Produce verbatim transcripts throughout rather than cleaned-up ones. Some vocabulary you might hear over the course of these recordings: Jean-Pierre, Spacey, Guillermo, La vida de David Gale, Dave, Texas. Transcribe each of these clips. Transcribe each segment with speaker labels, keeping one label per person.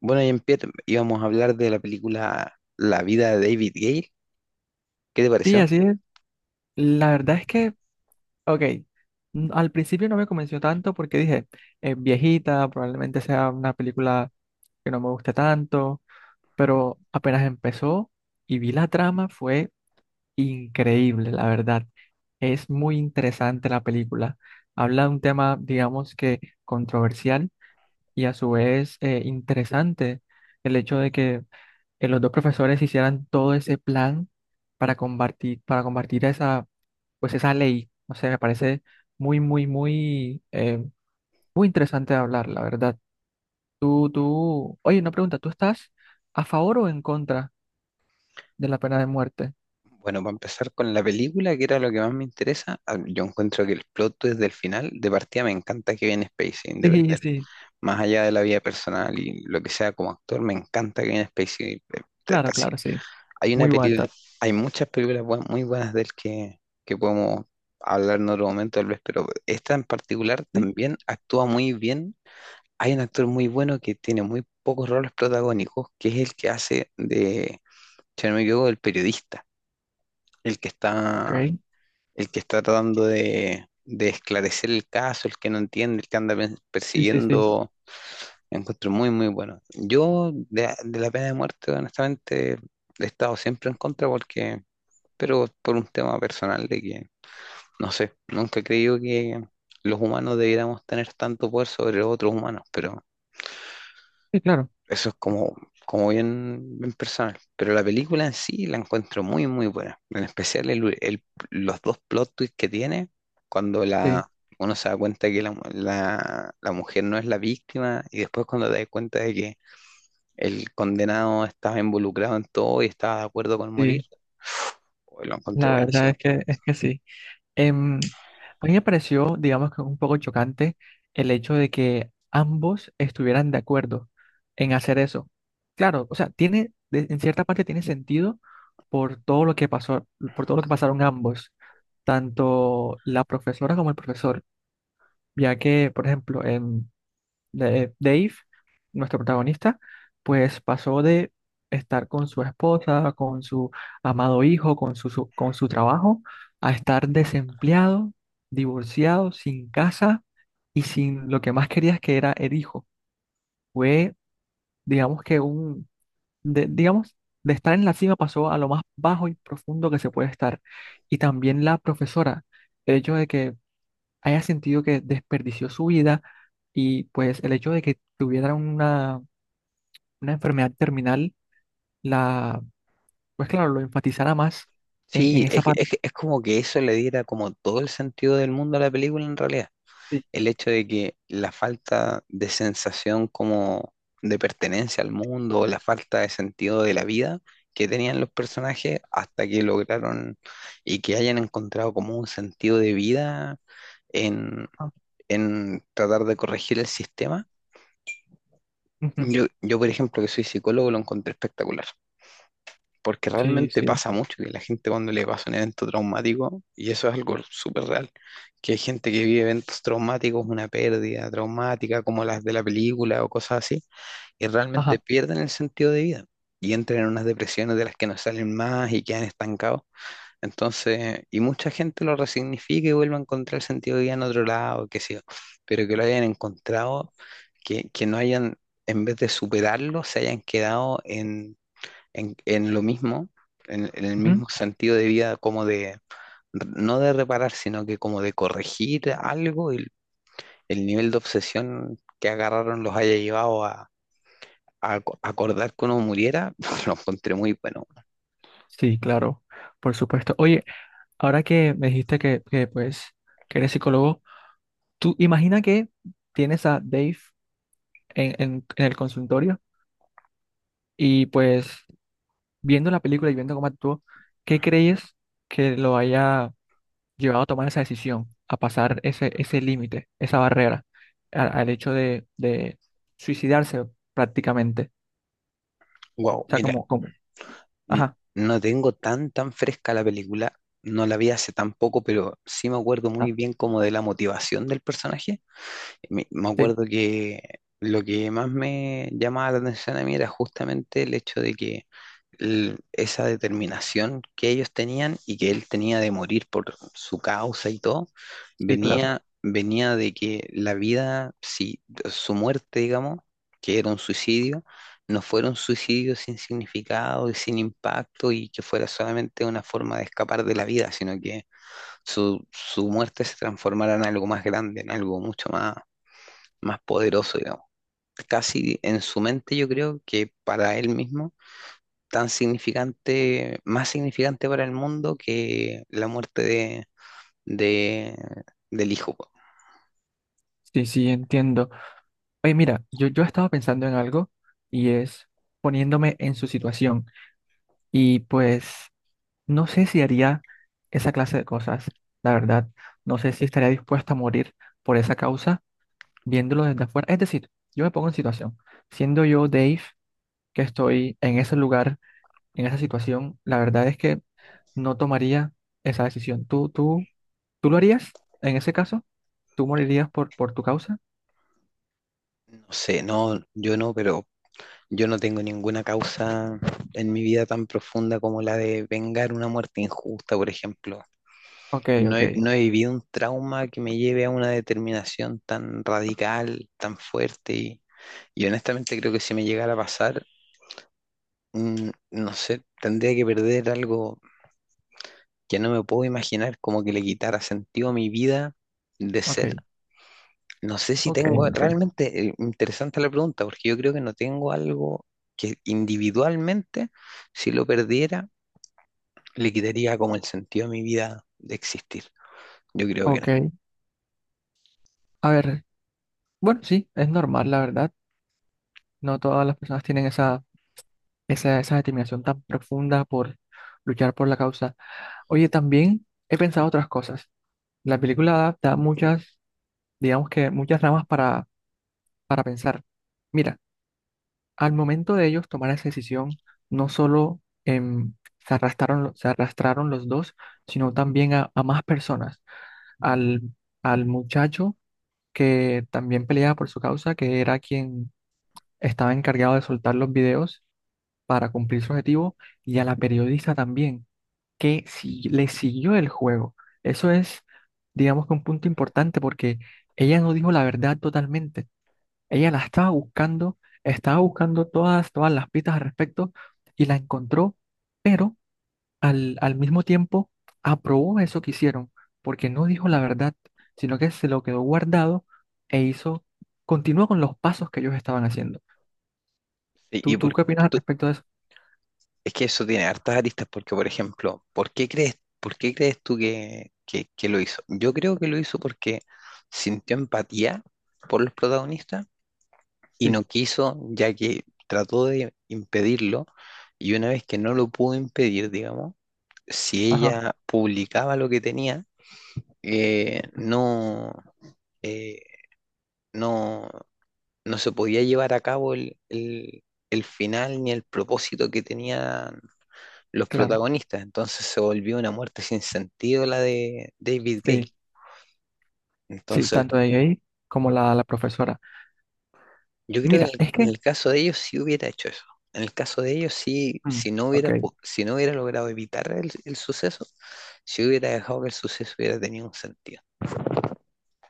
Speaker 1: Bueno, Jean-Pierre, íbamos a hablar de la película La vida de David Gale. ¿Qué te
Speaker 2: Sí,
Speaker 1: pareció?
Speaker 2: así es. La verdad es que, ok, n- al principio no me convenció tanto porque dije, es viejita, probablemente sea una película que no me guste tanto, pero apenas empezó y vi la trama fue increíble, la verdad. Es muy interesante la película. Habla de un tema, digamos que controversial y a su vez eh, interesante el hecho de que eh, los dos profesores hicieran todo ese plan para combatir, para combatir esa, pues esa ley. O sea, me parece muy, muy, muy, eh, muy interesante de hablar, la verdad. Tú, tú, oye, una pregunta, ¿tú estás a favor o en contra de la pena de muerte?
Speaker 1: Bueno, para empezar con la película, que era lo que más me interesa, ah, yo encuentro que el plot desde el final, de partida me encanta que viene Spacey independiente.
Speaker 2: Sí, sí,
Speaker 1: Más allá de la vida personal y lo que sea como actor, me encanta que viene Spacey. eh, te-
Speaker 2: claro,
Speaker 1: Casi.
Speaker 2: claro, sí.
Speaker 1: Hay una
Speaker 2: Muy
Speaker 1: película,
Speaker 2: guata.
Speaker 1: hay muchas películas buen- muy buenas de él que, que podemos hablar en otro momento tal vez, pero esta en particular
Speaker 2: Sí,
Speaker 1: también actúa muy bien. Hay un actor muy bueno que tiene muy pocos roles protagónicos, que es el que hace de, si no me equivoco, el periodista, el que está,
Speaker 2: ok.
Speaker 1: el que está tratando de, de esclarecer el caso, el que no entiende, el que anda pe-
Speaker 2: Sí, sí, sí.
Speaker 1: persiguiendo. Lo encuentro muy, muy bueno. Yo de, de la pena de muerte, honestamente, he estado siempre en contra porque, pero por un tema personal de que, no sé, nunca he creído que los humanos debiéramos tener tanto poder sobre otros humanos, pero
Speaker 2: Sí, claro,
Speaker 1: eso es como, como bien, bien personal. Pero la película en sí la encuentro muy, muy buena. En especial el- el- los dos plot twists que tiene cuando
Speaker 2: sí,
Speaker 1: la, uno se da cuenta que la, mu- la- la mujer no es la víctima y después cuando te das cuenta de que el condenado estaba involucrado en todo y estaba de acuerdo con morir,
Speaker 2: sí.
Speaker 1: pues lo encontré
Speaker 2: La verdad
Speaker 1: buenísimo.
Speaker 2: es que, es que sí. Em, a mí me pareció, digamos que un poco chocante el hecho de que ambos estuvieran de acuerdo en hacer eso. Claro, o sea, tiene, de- en cierta parte tiene sentido por todo lo que pasó, por todo lo que pasaron ambos, tanto la profesora como el profesor, ya que, por ejemplo, de- eh, Dave, nuestro protagonista, pues pasó de estar con su esposa, con su amado hijo, con su, su- con su trabajo, a estar desempleado, divorciado, sin casa y sin lo que más quería que era el hijo. Fue, digamos que un, de- digamos, de estar en la cima pasó a lo más bajo y profundo que se puede estar. Y también la profesora, el hecho de que haya sentido que desperdició su vida y pues el hecho de que tuviera una una enfermedad terminal, la, pues claro, lo enfatizará más en, en
Speaker 1: Sí,
Speaker 2: esa
Speaker 1: es, que-
Speaker 2: parte.
Speaker 1: es, que- es como que eso le diera como todo el sentido del mundo a la película en realidad.
Speaker 2: Sí,
Speaker 1: El hecho de que la falta de sensación como de pertenencia al mundo, o la falta de sentido de la vida que tenían los personajes hasta que lograron y que hayan encontrado como un sentido de vida en,
Speaker 2: ah,
Speaker 1: en tratar de corregir el sistema.
Speaker 2: ujú,
Speaker 1: Yo, yo, por ejemplo, que soy psicólogo, lo encontré espectacular. Porque
Speaker 2: sí,
Speaker 1: realmente
Speaker 2: sí.
Speaker 1: pasa mucho que la gente cuando le pasa un evento traumático, y eso es algo súper real, que hay gente que vive eventos traumáticos, una pérdida traumática como las de la película o cosas así, y realmente
Speaker 2: Ajá.
Speaker 1: pierden el sentido de vida y entran en unas depresiones de las que no salen más y quedan estancados. Entonces, y mucha gente lo resignifica y vuelve a encontrar el sentido de vida en otro lado, qué sé yo, pero que lo hayan encontrado, que, que no hayan, en vez de superarlo, se hayan quedado en en, en lo mismo, en, en el
Speaker 2: Ujú,
Speaker 1: mismo sentido de vida, como de, no de reparar, sino que como de corregir algo, el, el nivel de obsesión que agarraron los haya llevado a, a aco- acordar que uno muriera, lo encontré muy bueno.
Speaker 2: sí, claro, por supuesto. Oye, ahora que me dijiste que, que, pues, que eres psicólogo, tú imagina que tienes a Dave en, en, en el consultorio y pues viendo la película y viendo cómo actuó, ¿qué crees que lo haya llevado a tomar esa decisión, a pasar ese, ese límite, esa barrera, a- al hecho de, de suicidarse prácticamente?
Speaker 1: Wow,
Speaker 2: O sea,
Speaker 1: mira,
Speaker 2: como, como,
Speaker 1: n-
Speaker 2: ajá,
Speaker 1: no tengo tan, tan fresca la película, no la vi hace tan poco, pero sí me acuerdo
Speaker 2: ah,
Speaker 1: muy bien como de la motivación del personaje. Me, me
Speaker 2: sí,
Speaker 1: acuerdo que lo que más me llamaba la atención a mí era justamente el hecho de que el- esa determinación que ellos tenían y que él tenía de morir por su causa y todo,
Speaker 2: sí, claro,
Speaker 1: venía, venía de que la vida, si su muerte, digamos, que era un suicidio, no fuera un suicidio sin significado y sin impacto y que fuera solamente una forma de escapar de la vida, sino que su, su muerte se transformara en algo más grande, en algo mucho más más poderoso, digamos. Casi en su mente yo creo que para él mismo, tan significante, más significante para el mundo que la muerte de, de- del hijo. Po.
Speaker 2: sí, sí, entiendo. Oye, mira, yo, yo estaba pensando en algo y es poniéndome en su situación y pues no sé si haría esa clase de cosas, la verdad, no sé si estaría dispuesta a morir por esa causa viéndolo desde afuera. Es decir, yo me pongo en situación, siendo yo Dave, que estoy en ese lugar, en esa situación, la verdad es que no tomaría esa decisión. ¿Tú, tú, tú lo harías en ese caso? ¿Tú morirías por, por tu causa?
Speaker 1: No sé, no, yo no, pero yo no tengo ninguna causa en mi vida tan profunda como la de vengar una muerte injusta, por ejemplo.
Speaker 2: Ok,
Speaker 1: No
Speaker 2: ok,
Speaker 1: he, no he vivido un trauma que me lleve a una determinación tan radical, tan fuerte y... Y honestamente creo que si me llegara a pasar, Mm, no sé, tendría que perder algo que no me puedo imaginar, como que le quitara sentido a mi vida de
Speaker 2: ok,
Speaker 1: ser. No sé si
Speaker 2: ok,
Speaker 1: tengo,
Speaker 2: ok,
Speaker 1: realmente eh, interesante la pregunta, porque yo creo que no tengo algo que individualmente, si lo perdiera, le quitaría como el sentido a mi vida de existir. Yo creo que no.
Speaker 2: ok. A ver, bueno, sí, es normal, la verdad. No todas las personas tienen esa, esa, esa determinación tan profunda por luchar por la causa. Oye, también he pensado otras cosas. La película da, da muchas, digamos que muchas ramas para, para pensar. Mira. Al momento de ellos tomar esa decisión, no solo em, se arrastraron, lo- se arrastraron los dos, sino también a, a más personas. Al, al muchacho que también peleaba por su causa, que era quien estaba encargado de soltar los videos para cumplir su objetivo, y a la periodista también, que si, le siguió el juego. Eso es, digamos que un punto importante porque ella no dijo la verdad totalmente, ella la estaba buscando, estaba buscando todas, todas las pistas al respecto y la encontró, pero al, al mismo tiempo aprobó eso que hicieron, porque no dijo la verdad, sino que se lo quedó guardado e hizo, continuó con los pasos que ellos estaban haciendo.
Speaker 1: ¿Y, y
Speaker 2: ¿Tú,
Speaker 1: por
Speaker 2: tú qué opinas al
Speaker 1: qué?
Speaker 2: respecto de eso?
Speaker 1: Es que eso tiene hartas aristas porque, por ejemplo, ¿por qué crees, por qué crees tú que, que- que lo hizo? Yo creo que lo hizo porque sintió empatía por los protagonistas y
Speaker 2: Sí,
Speaker 1: no quiso, ya que trató de impedirlo y una vez que no lo pudo impedir, digamos, si
Speaker 2: ajá,
Speaker 1: ella publicaba lo que tenía, eh, no, eh, no, no se podía llevar a cabo el, el- el final ni el propósito que tenía los
Speaker 2: claro,
Speaker 1: protagonistas. Entonces se volvió una muerte sin sentido la de David Gale.
Speaker 2: sí, sí,
Speaker 1: Entonces,
Speaker 2: tanto de ahí como la, la profesora.
Speaker 1: yo creo que en
Speaker 2: Mira,
Speaker 1: el,
Speaker 2: es
Speaker 1: en
Speaker 2: que,
Speaker 1: el caso de ellos sí hubiera hecho eso. En el caso de ellos sí,
Speaker 2: mm,
Speaker 1: si no
Speaker 2: ok,
Speaker 1: hubiera, po- si no hubiera logrado evitar el, el suceso, si hubiera dejado que el suceso hubiera tenido un sentido.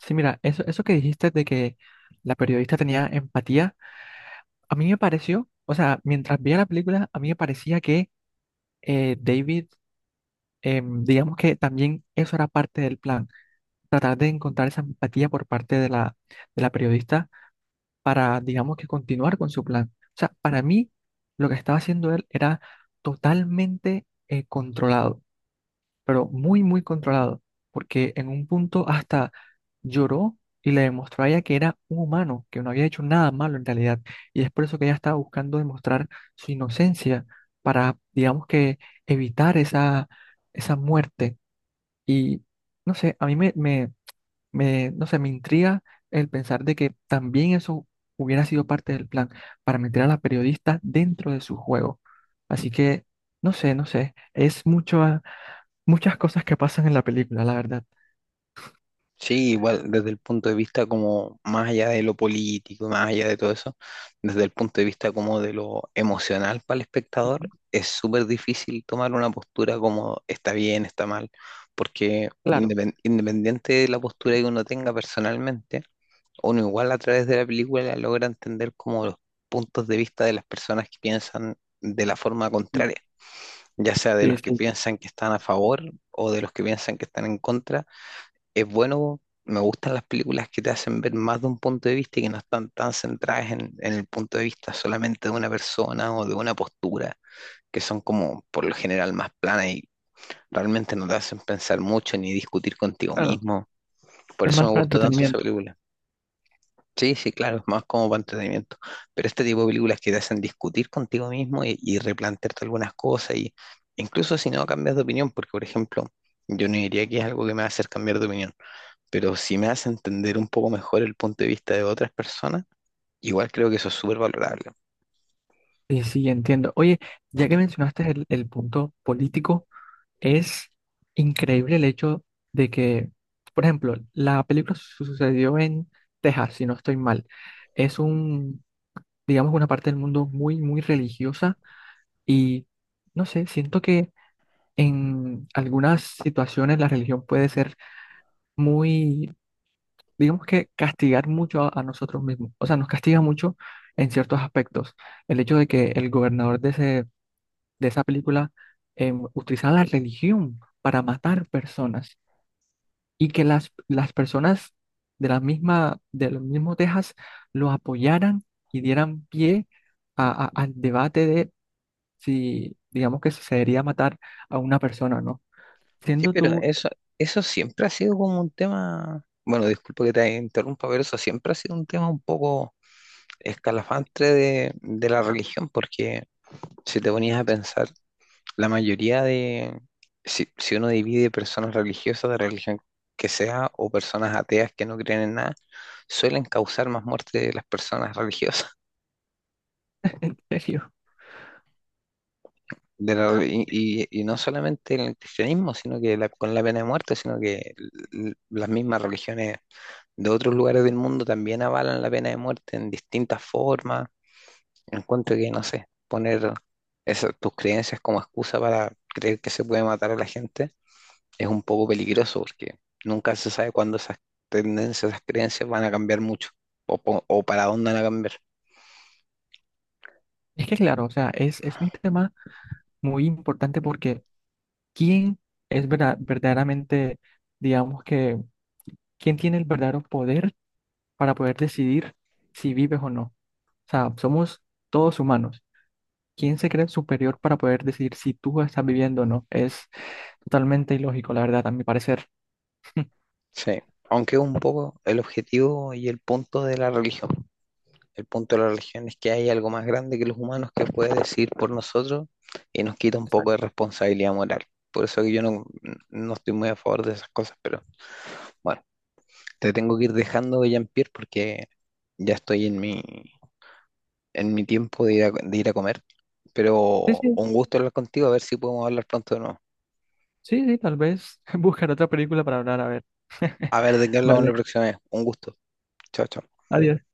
Speaker 2: sí, mira, eso, eso que dijiste de que la periodista tenía empatía. A mí me pareció, o sea, mientras veía la película, a mí me parecía que eh, David, em, digamos que también eso era parte del plan, tratar de encontrar esa empatía por parte de la, de la periodista para, digamos que continuar con su plan. O sea, para mí, lo que estaba haciendo él era totalmente eh, controlado, pero muy, muy controlado, porque en un punto hasta lloró y le demostró a ella que era un humano, que no había hecho nada malo en realidad. Y es por eso que ella estaba buscando demostrar su inocencia para, digamos que, evitar esa, esa muerte. Y no sé, a mí me, me, me, no sé, me intriga el pensar de que también eso hubiera sido parte del plan para meter a la periodista dentro de su juego. Así que, no sé, no sé, es mucho, muchas cosas que pasan en la película, la verdad.
Speaker 1: Sí, igual desde el punto de vista como más allá de lo político, más allá de todo eso, desde el punto de vista como de lo emocional para el espectador,
Speaker 2: Ujú.
Speaker 1: es súper difícil tomar una postura como está bien, está mal, porque
Speaker 2: Claro.
Speaker 1: independ- independiente de la postura que uno tenga personalmente, uno igual a través de la película logra entender como los puntos de vista de las personas que piensan de la forma
Speaker 2: Sí,
Speaker 1: contraria, ya sea de
Speaker 2: sí,
Speaker 1: los que
Speaker 2: sí.
Speaker 1: piensan que están a favor o de los que piensan que están en contra. Es bueno, me gustan las películas que te hacen ver más de un punto de vista y que no están tan centradas en, en el punto de vista solamente de una persona o de una postura, que son como por lo general más planas y realmente no te hacen pensar mucho ni discutir contigo
Speaker 2: Claro.
Speaker 1: mismo. Por
Speaker 2: Es
Speaker 1: eso
Speaker 2: más
Speaker 1: me
Speaker 2: para
Speaker 1: gustó tanto esa
Speaker 2: entretenimiento.
Speaker 1: película. Sí, sí, claro, es más como para entretenimiento. Pero este tipo de películas que te hacen discutir contigo mismo y, y replantearte algunas cosas, y incluso si no cambias de opinión, porque por ejemplo, yo no diría que es algo que me va a hacer cambiar de opinión, pero si me hace entender un poco mejor el punto de vista de otras personas, igual creo que eso es súper valorable.
Speaker 2: Sí, sí, entiendo. Oye, ya que mencionaste el, el punto político, es increíble el hecho de que, por ejemplo, la película su- sucedió en Texas, si no estoy mal. Es un, digamos, una parte del mundo muy, muy religiosa y, no sé, siento que en algunas situaciones la religión puede ser muy, digamos que castigar mucho a a nosotros mismos. O sea, nos castiga mucho en ciertos aspectos. El hecho de que el gobernador de ese de esa película em, utilizaba la religión para matar personas y que las, las personas de la misma, del mismo Texas los apoyaran y dieran pie a- a- al debate de si, digamos que si se debería matar a una persona o no.
Speaker 1: Sí,
Speaker 2: Siendo
Speaker 1: pero
Speaker 2: tú.
Speaker 1: eso, eso siempre ha sido como un tema, bueno, disculpa que te interrumpa, pero eso siempre ha sido un tema un poco escalafante de, de la religión, porque si te ponías a pensar, la mayoría de, si, si uno divide personas religiosas de religión que sea o personas ateas que no creen en nada, suelen causar más muerte de las personas religiosas.
Speaker 2: En serio,
Speaker 1: De y, y- y no solamente en el cristianismo, sino que la- con la pena de muerte, sino que l- las mismas religiones de otros lugares del mundo también avalan la pena de muerte en distintas formas. Encuentro que, no sé, poner esas, tus creencias como excusa para creer que se puede matar a la gente es un poco peligroso porque nunca se sabe cuándo esas tendencias, esas creencias van a cambiar mucho o, po- o para dónde van a cambiar.
Speaker 2: es que claro, o sea, es, es un tema muy importante porque, ¿quién es verda- verdaderamente, digamos que, quién tiene el verdadero poder para poder decidir si vives o no? O sea, somos todos humanos. ¿Quién se cree superior para poder decir si tú estás viviendo o no? Es totalmente ilógico, la verdad, a mi parecer.
Speaker 1: Sí, aunque es un poco el objetivo y el punto de la religión. El punto de la religión es que hay algo más grande que los humanos que puede decir por nosotros y nos quita un poco de
Speaker 2: Exacto.
Speaker 1: responsabilidad moral. Por eso que yo no, no estoy muy a favor de esas cosas, pero bueno, te tengo que ir dejando, Jean-Pierre, porque ya estoy en mi, en mi tiempo de ir a, de ir a comer.
Speaker 2: Sí,
Speaker 1: Pero
Speaker 2: sí,
Speaker 1: un gusto hablar contigo, a ver si podemos hablar pronto de nuevo.
Speaker 2: sí, sí, tal vez buscar otra película para hablar, a ver.
Speaker 1: A ver de qué hablamos la
Speaker 2: Vale,
Speaker 1: próxima vez. Un gusto. Chao, chao.
Speaker 2: adiós.